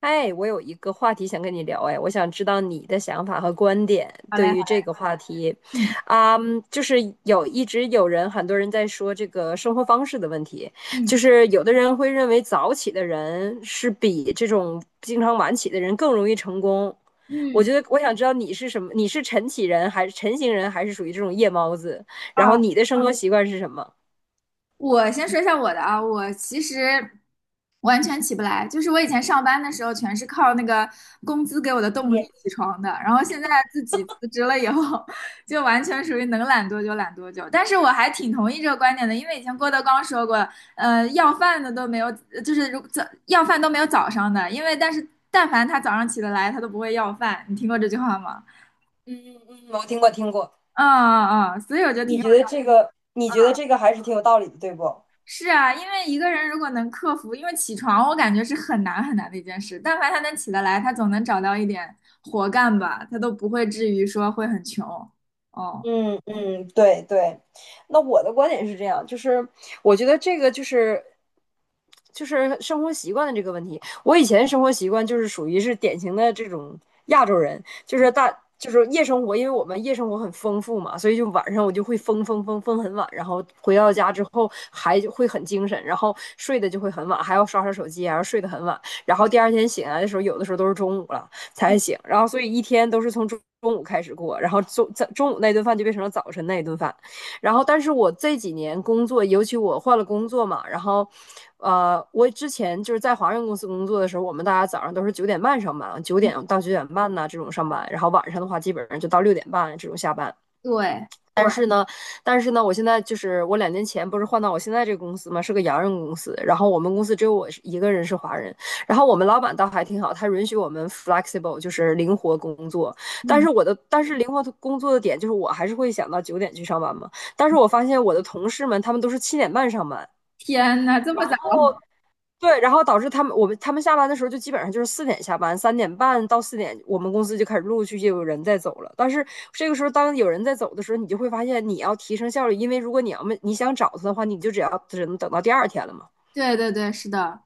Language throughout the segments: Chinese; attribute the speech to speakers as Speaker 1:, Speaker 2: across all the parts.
Speaker 1: 哎，我有一个话题想跟你聊，哎，我想知道你的想法和观点
Speaker 2: 好嘞，
Speaker 1: 对
Speaker 2: 好
Speaker 1: 于
Speaker 2: 嘞。
Speaker 1: 这个话题。
Speaker 2: 嗯
Speaker 1: 啊、就是一直有人，很多人在说这个生活方式的问题。就
Speaker 2: 嗯
Speaker 1: 是有的人会认为早起的人是比这种经常晚起的人更容易成功。我
Speaker 2: 嗯。
Speaker 1: 觉得我想知道你是什么，你是晨起人还是晨型人，还是属于这种夜猫子？然后
Speaker 2: 啊，
Speaker 1: 你的生活习惯是什么？
Speaker 2: 我先说一下我的啊，我其实完全起不来，就是我以前上班的时候全是靠那个工资给我的动力起床的，然后现在自己辞职了以后，就完全属于能懒多久懒多久。但是我还挺同意这个观点的，因为以前郭德纲说过，要饭的都没有，就是如早要饭都没有早上的，因为但是但凡他早上起得来，他都不会要饭。你听过这句话吗？
Speaker 1: 嗯，我听过听过。
Speaker 2: 嗯嗯嗯，所以我觉得挺。
Speaker 1: 你觉得这个还是挺有道理的，对不？
Speaker 2: 是啊，因为一个人如果能克服，因为起床我感觉是很难很难的一件事，但凡他能起得来，他总能找到一点活干吧，他都不会至于说会很穷。哦。
Speaker 1: 嗯嗯，对对。那我的观点是这样，就是我觉得这个就是生活习惯的这个问题。我以前生活习惯就是属于是典型的这种亚洲人，就是就是夜生活。因为我们夜生活很丰富嘛，所以就晚上我就会疯疯疯疯很晚，然后回到家之后还就会很精神，然后睡的就会很晚，还要刷刷手机，还要睡得很晚，然后第二天醒来的时候，有的时候都是中午了。才行。然后所以一天都是从中午开始过，然后在中午那顿饭就变成了早晨那一顿饭。然后但是我这几年工作，尤其我换了工作嘛。然后我之前就是在华润公司工作的时候，我们大家早上都是九点半上班，9点到9点半这种上班，然后晚上的话基本上就到六点半这种下班。
Speaker 2: 对。
Speaker 1: 但是呢，但是呢，我现在就是我2年前不是换到我现在这个公司嘛，是个洋人公司。然后我们公司只有我一个人是华人，然后我们老板倒还挺好，他允许我们 flexible，就是灵活工作。
Speaker 2: 嗯。
Speaker 1: 但是灵活工作的点就是我还是会想到九点去上班嘛。但是我发现我的同事们，他们都是七点半上班，
Speaker 2: 天呐，这么早？
Speaker 1: 对，然后导致他们下班的时候就基本上就是四点下班，3点半到4点，我们公司就开始陆陆续续有人在走了。但是这个时候，当有人在走的时候，你就会发现你要提升效率，因为如果你要么你想找他的话，你就只能等到第二天了嘛。
Speaker 2: 对对对，是的。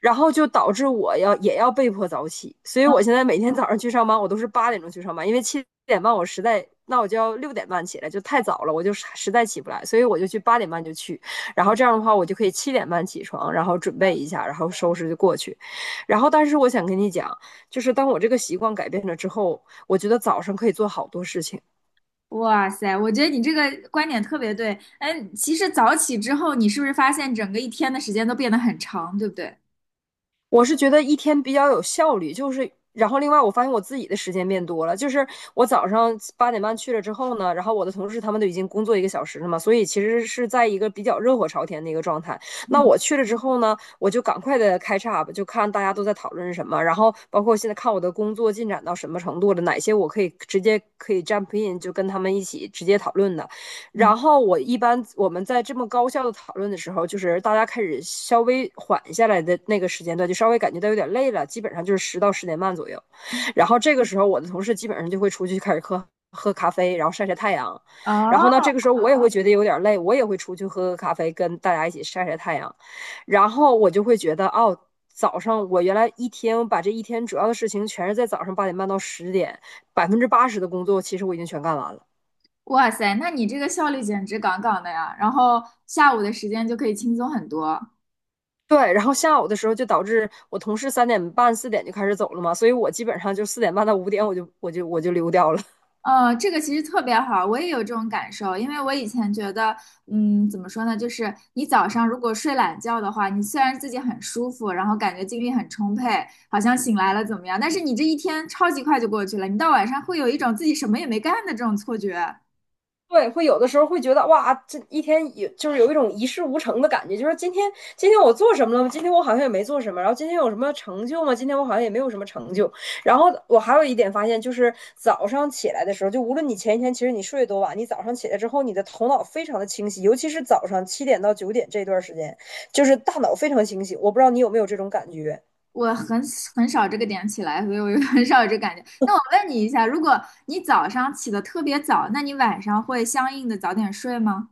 Speaker 1: 然后就导致也要被迫早起，所以我
Speaker 2: 嗯。
Speaker 1: 现在每天早上去上班，我都是8点钟去上班，因为七点半我实在，那我就要六点半起来，就太早了，我就实在起不来，所以我就去八点半就去，然后这样的话我就可以七点半起床，然后准备一下，然后收拾就过去。然后，但是我想跟你讲，就是当我这个习惯改变了之后，我觉得早上可以做好多事情。
Speaker 2: 哇塞，我觉得你这个观点特别对。哎，其实早起之后，你是不是发现整个一天的时间都变得很长，对不对？
Speaker 1: 我是觉得一天比较有效率，就是然后另外我发现我自己的时间变多了，就是我早上八点半去了之后呢，然后我的同事他们都已经工作1个小时了嘛，所以其实是在一个比较热火朝天的一个状态。那
Speaker 2: 嗯
Speaker 1: 我去了之后呢，我就赶快的开叉吧，就看大家都在讨论什么，然后包括现在看我的工作进展到什么程度了，哪些我可以直接可以 jump in 就跟他们一起直接讨论的。
Speaker 2: 嗯。
Speaker 1: 然后我一般我们在这么高效的讨论的时候，就是大家开始稍微缓下来的那个时间段，就稍微感觉到有点累了，基本上就是10到10点半左右。然后这个时候，我的同事基本上就会出去开始喝喝咖啡，然后晒晒太阳。然后呢，这
Speaker 2: 哦。
Speaker 1: 个时候我也会觉得有点累，我也会出去喝喝咖啡，跟大家一起晒晒太阳。然后我就会觉得，哦。早上我原来一天，我把这一天主要的事情全是在早上8点半到10点，80%的工作其实我已经全干完了。
Speaker 2: 哇塞，那你这个效率简直杠杠的呀！然后下午的时间就可以轻松很多。
Speaker 1: 对，然后下午的时候就导致我同事3点半、4点就开始走了嘛，所以我基本上就4点半到5点我就溜掉了。
Speaker 2: 这个其实特别好，我也有这种感受，因为我以前觉得，嗯，怎么说呢，就是你早上如果睡懒觉的话，你虽然自己很舒服，然后感觉精力很充沛，好像醒来了怎么样，但是你这一天超级快就过去了，你到晚上会有一种自己什么也没干的这种错觉。
Speaker 1: 对，会有的时候会觉得哇，这一天就是有一种一事无成的感觉，就是今天我做什么了吗？今天我好像也没做什么，然后今天有什么成就吗？今天我好像也没有什么成就。然后我还有一点发现，就是早上起来的时候，就无论你前一天其实你睡得多晚，你早上起来之后，你的头脑非常的清晰，尤其是早上七点到九点这段时间，就是大脑非常清晰。我不知道你有没有这种感觉。
Speaker 2: 我很少这个点起来，所以我就很 少有这个感觉。那我问你一下，如果你早上起得特别早，那你晚上会相应的早点睡吗？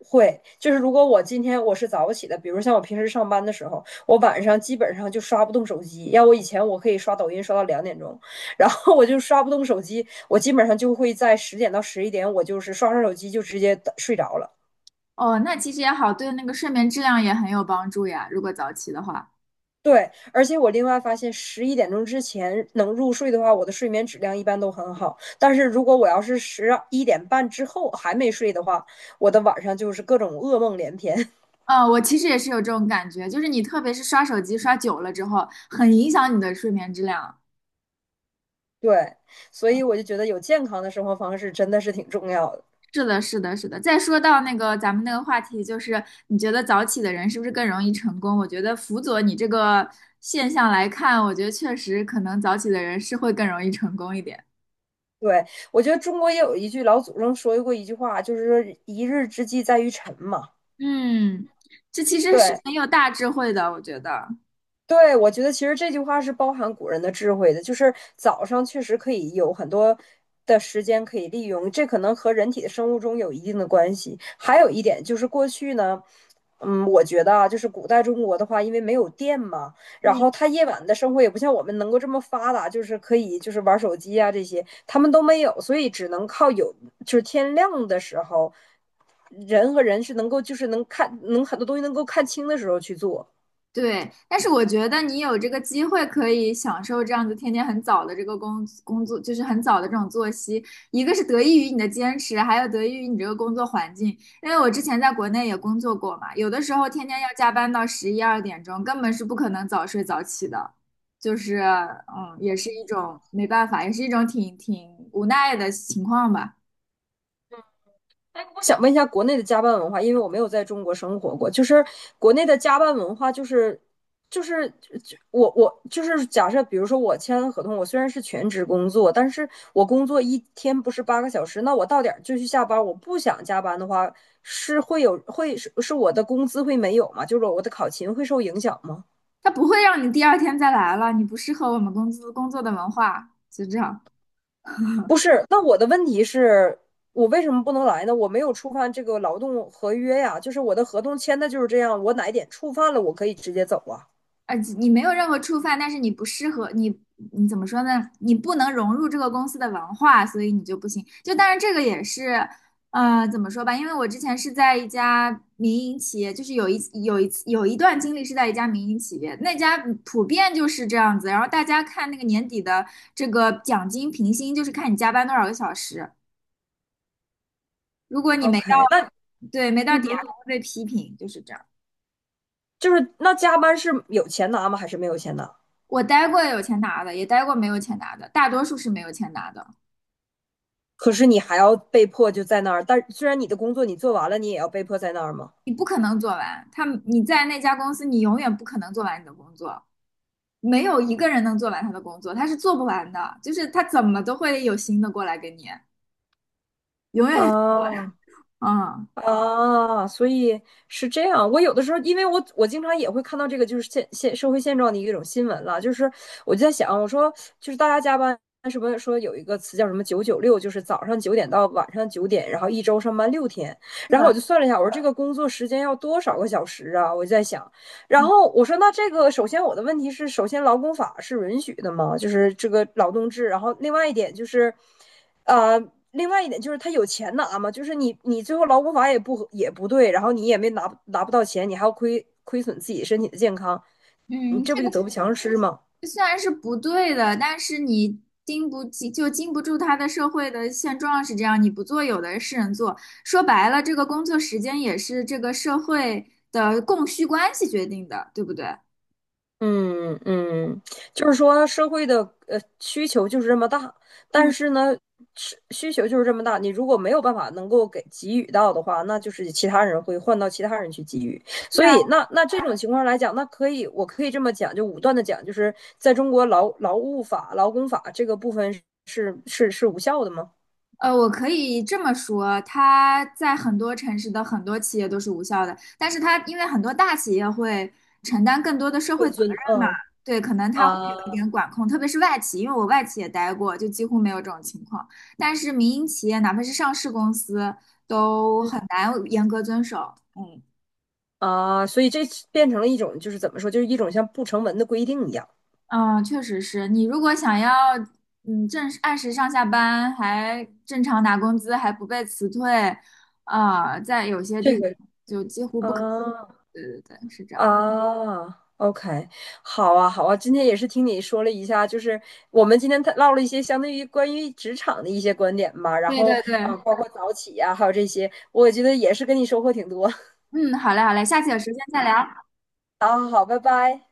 Speaker 1: 会，就是如果我今天我是早起的，比如像我平时上班的时候，我晚上基本上就刷不动手机。要我以前我可以刷抖音刷到2点钟，然后我就刷不动手机，我基本上就会在10点到11点，我就是刷刷手机就直接睡着了。
Speaker 2: 哦，那其实也好，对那个睡眠质量也很有帮助呀。如果早起的话，
Speaker 1: 对，而且我另外发现，11点钟之前能入睡的话，我的睡眠质量一般都很好。但是如果我要是11点半之后还没睡的话，我的晚上就是各种噩梦连篇。
Speaker 2: 嗯，我其实也是有这种感觉，就是你特别是刷手机刷久了之后，很影响你的睡眠质量。
Speaker 1: 对，所以我就觉得有健康的生活方式真的是挺重要的。
Speaker 2: 是的，是的，是的。再说到那个咱们那个话题，就是你觉得早起的人是不是更容易成功？我觉得辅佐你这个现象来看，我觉得确实可能早起的人是会更容易成功一点。
Speaker 1: 对，我觉得中国也有一句老祖宗说过一句话，就是说一日之计在于晨嘛。
Speaker 2: 嗯，这其实是
Speaker 1: 对，
Speaker 2: 很有大智慧的，我觉得。
Speaker 1: 对，我觉得其实这句话是包含古人的智慧的，就是早上确实可以有很多的时间可以利用，这可能和人体的生物钟有一定的关系。还有一点就是过去呢，我觉得啊，就是古代中国的话，因为没有电嘛，然后他夜晚的生活也不像我们能够这么发达，就是可以玩手机啊这些，他们都没有，所以只能靠有，就是天亮的时候，人和人是能够就是能看能很多东西能够看清的时候去做。
Speaker 2: 对，但是我觉得你有这个机会可以享受这样子天天很早的这个工作，就是很早的这种作息，一个是得益于你的坚持，还有得益于你这个工作环境。因为我之前在国内也工作过嘛，有的时候天天要加班到十一二点钟，根本是不可能早睡早起的，就是嗯，也是一种没办法，也是一种挺无奈的情况吧。
Speaker 1: 我想问一下国内的加班文化，因为我没有在中国生活过。就是国内的加班文化、就是就我就是假设，比如说我签了合同，我虽然是全职工作，但是我工作一天不是8个小时，那我到点儿就去下班，我不想加班的话，是会有会是是我的工资会没有吗？就是我的考勤会受影响吗？
Speaker 2: 它不会让你第二天再来了，你不适合我们公司工作的文化，就这样。
Speaker 1: 不是，那我的问题是。我为什么不能来呢？我没有触犯这个劳动合约呀，就是我的合同签的就是这样，我哪一点触犯了，我可以直接走啊。
Speaker 2: 你没有任何触犯，但是你不适合你，你怎么说呢？你不能融入这个公司的文化，所以你就不行。就当然这个也是，怎么说吧？因为我之前是在一家民营企业，就是有一次有一段经历是在一家民营企业，那家普遍就是这样子。然后大家看那个年底的这个奖金评薪，就是看你加班多少个小时。如果你没到，
Speaker 1: OK，
Speaker 2: 对，没到
Speaker 1: 嗯
Speaker 2: 点，还
Speaker 1: 哼。
Speaker 2: 会被批评，就是这样。
Speaker 1: 就是那加班是有钱拿吗？还是没有钱拿？
Speaker 2: 我待过有钱拿的，也待过没有钱拿的，大多数是没有钱拿的。
Speaker 1: 可是你还要被迫就在那儿，但虽然你的工作你做完了，你也要被迫在那儿吗？
Speaker 2: 你不可能做完。他你在那家公司，你永远不可能做完你的工作，没有一个人能做完他的工作，他是做不完的。就是他怎么都会有新的过来给你，永远。
Speaker 1: 啊，
Speaker 2: 嗯。
Speaker 1: 啊，所以是这样。我有的时候，因为我经常也会看到这个，就是现社会现状的一种新闻了。就是我就在想，我说就是大家加班是不是说有一个词叫什么“996”，就是早上9点到晚上9点，然后一周上班6天。
Speaker 2: 是
Speaker 1: 然后我
Speaker 2: 的。
Speaker 1: 就算了一下，我说这个工作时间要多少个小时啊？我就在想，然
Speaker 2: 嗯。
Speaker 1: 后我说那这个首先我的问题是，首先劳工法是允许的吗？就是这个劳动制。然后另外一点就是。呃，另外一点就是他有钱拿嘛，就是你最后劳工法也不对，然后你也没拿不到钱，你还要亏损自己身体的健康，你
Speaker 2: 嗯，
Speaker 1: 这不
Speaker 2: 这
Speaker 1: 就
Speaker 2: 个
Speaker 1: 得不偿失吗？
Speaker 2: 虽然是不对的，但是你经不起就经不住他的社会的现状是这样，你不做，有的是人做。说白了，这个工作时间也是这个社会的供需关系决定的，对不对？
Speaker 1: 嗯嗯，就是说社会的需求就是这么大，但
Speaker 2: 嗯，
Speaker 1: 是呢，是需求就是这么大，你如果没有办法能够给予到的话，那就是其他人会换到其他人去给予。
Speaker 2: 是
Speaker 1: 所
Speaker 2: 啊。
Speaker 1: 以那这种情况来讲，那我可以这么讲，就武断的讲，就是在中国劳务法、劳工法这个部分是无效的吗？
Speaker 2: 我可以这么说，它在很多城市的很多企业都是无效的，但是它因为很多大企业会承担更多的社会
Speaker 1: 会
Speaker 2: 责
Speaker 1: 遵
Speaker 2: 任嘛，
Speaker 1: 嗯
Speaker 2: 对，可能它会有
Speaker 1: 啊
Speaker 2: 一点管控，特别是外企，因为我外企也待过，就几乎没有这种情况。但是民营企业，哪怕是上市公司，都
Speaker 1: 嗯
Speaker 2: 很难严格遵守。嗯
Speaker 1: 啊，所以这变成了一种就是怎么说，就是一种像不成文的规定一样。
Speaker 2: 嗯，确实是你如果想要嗯正按时上下班，还正常拿工资，还不被辞退，啊、在有些地
Speaker 1: 这
Speaker 2: 方。
Speaker 1: 个啊。
Speaker 2: 对对对，是这样。
Speaker 1: 啊，OK，好啊，好啊，今天也是听你说了一下，就是我们今天探唠了一些相对于关于职场的一些观点吧，然
Speaker 2: 对
Speaker 1: 后
Speaker 2: 对
Speaker 1: 啊，
Speaker 2: 对。
Speaker 1: 包括早起呀、还有这些，我觉得也是跟你收获挺多。
Speaker 2: 嗯，好嘞好嘞，下次有时间再聊。
Speaker 1: 好好好，拜拜。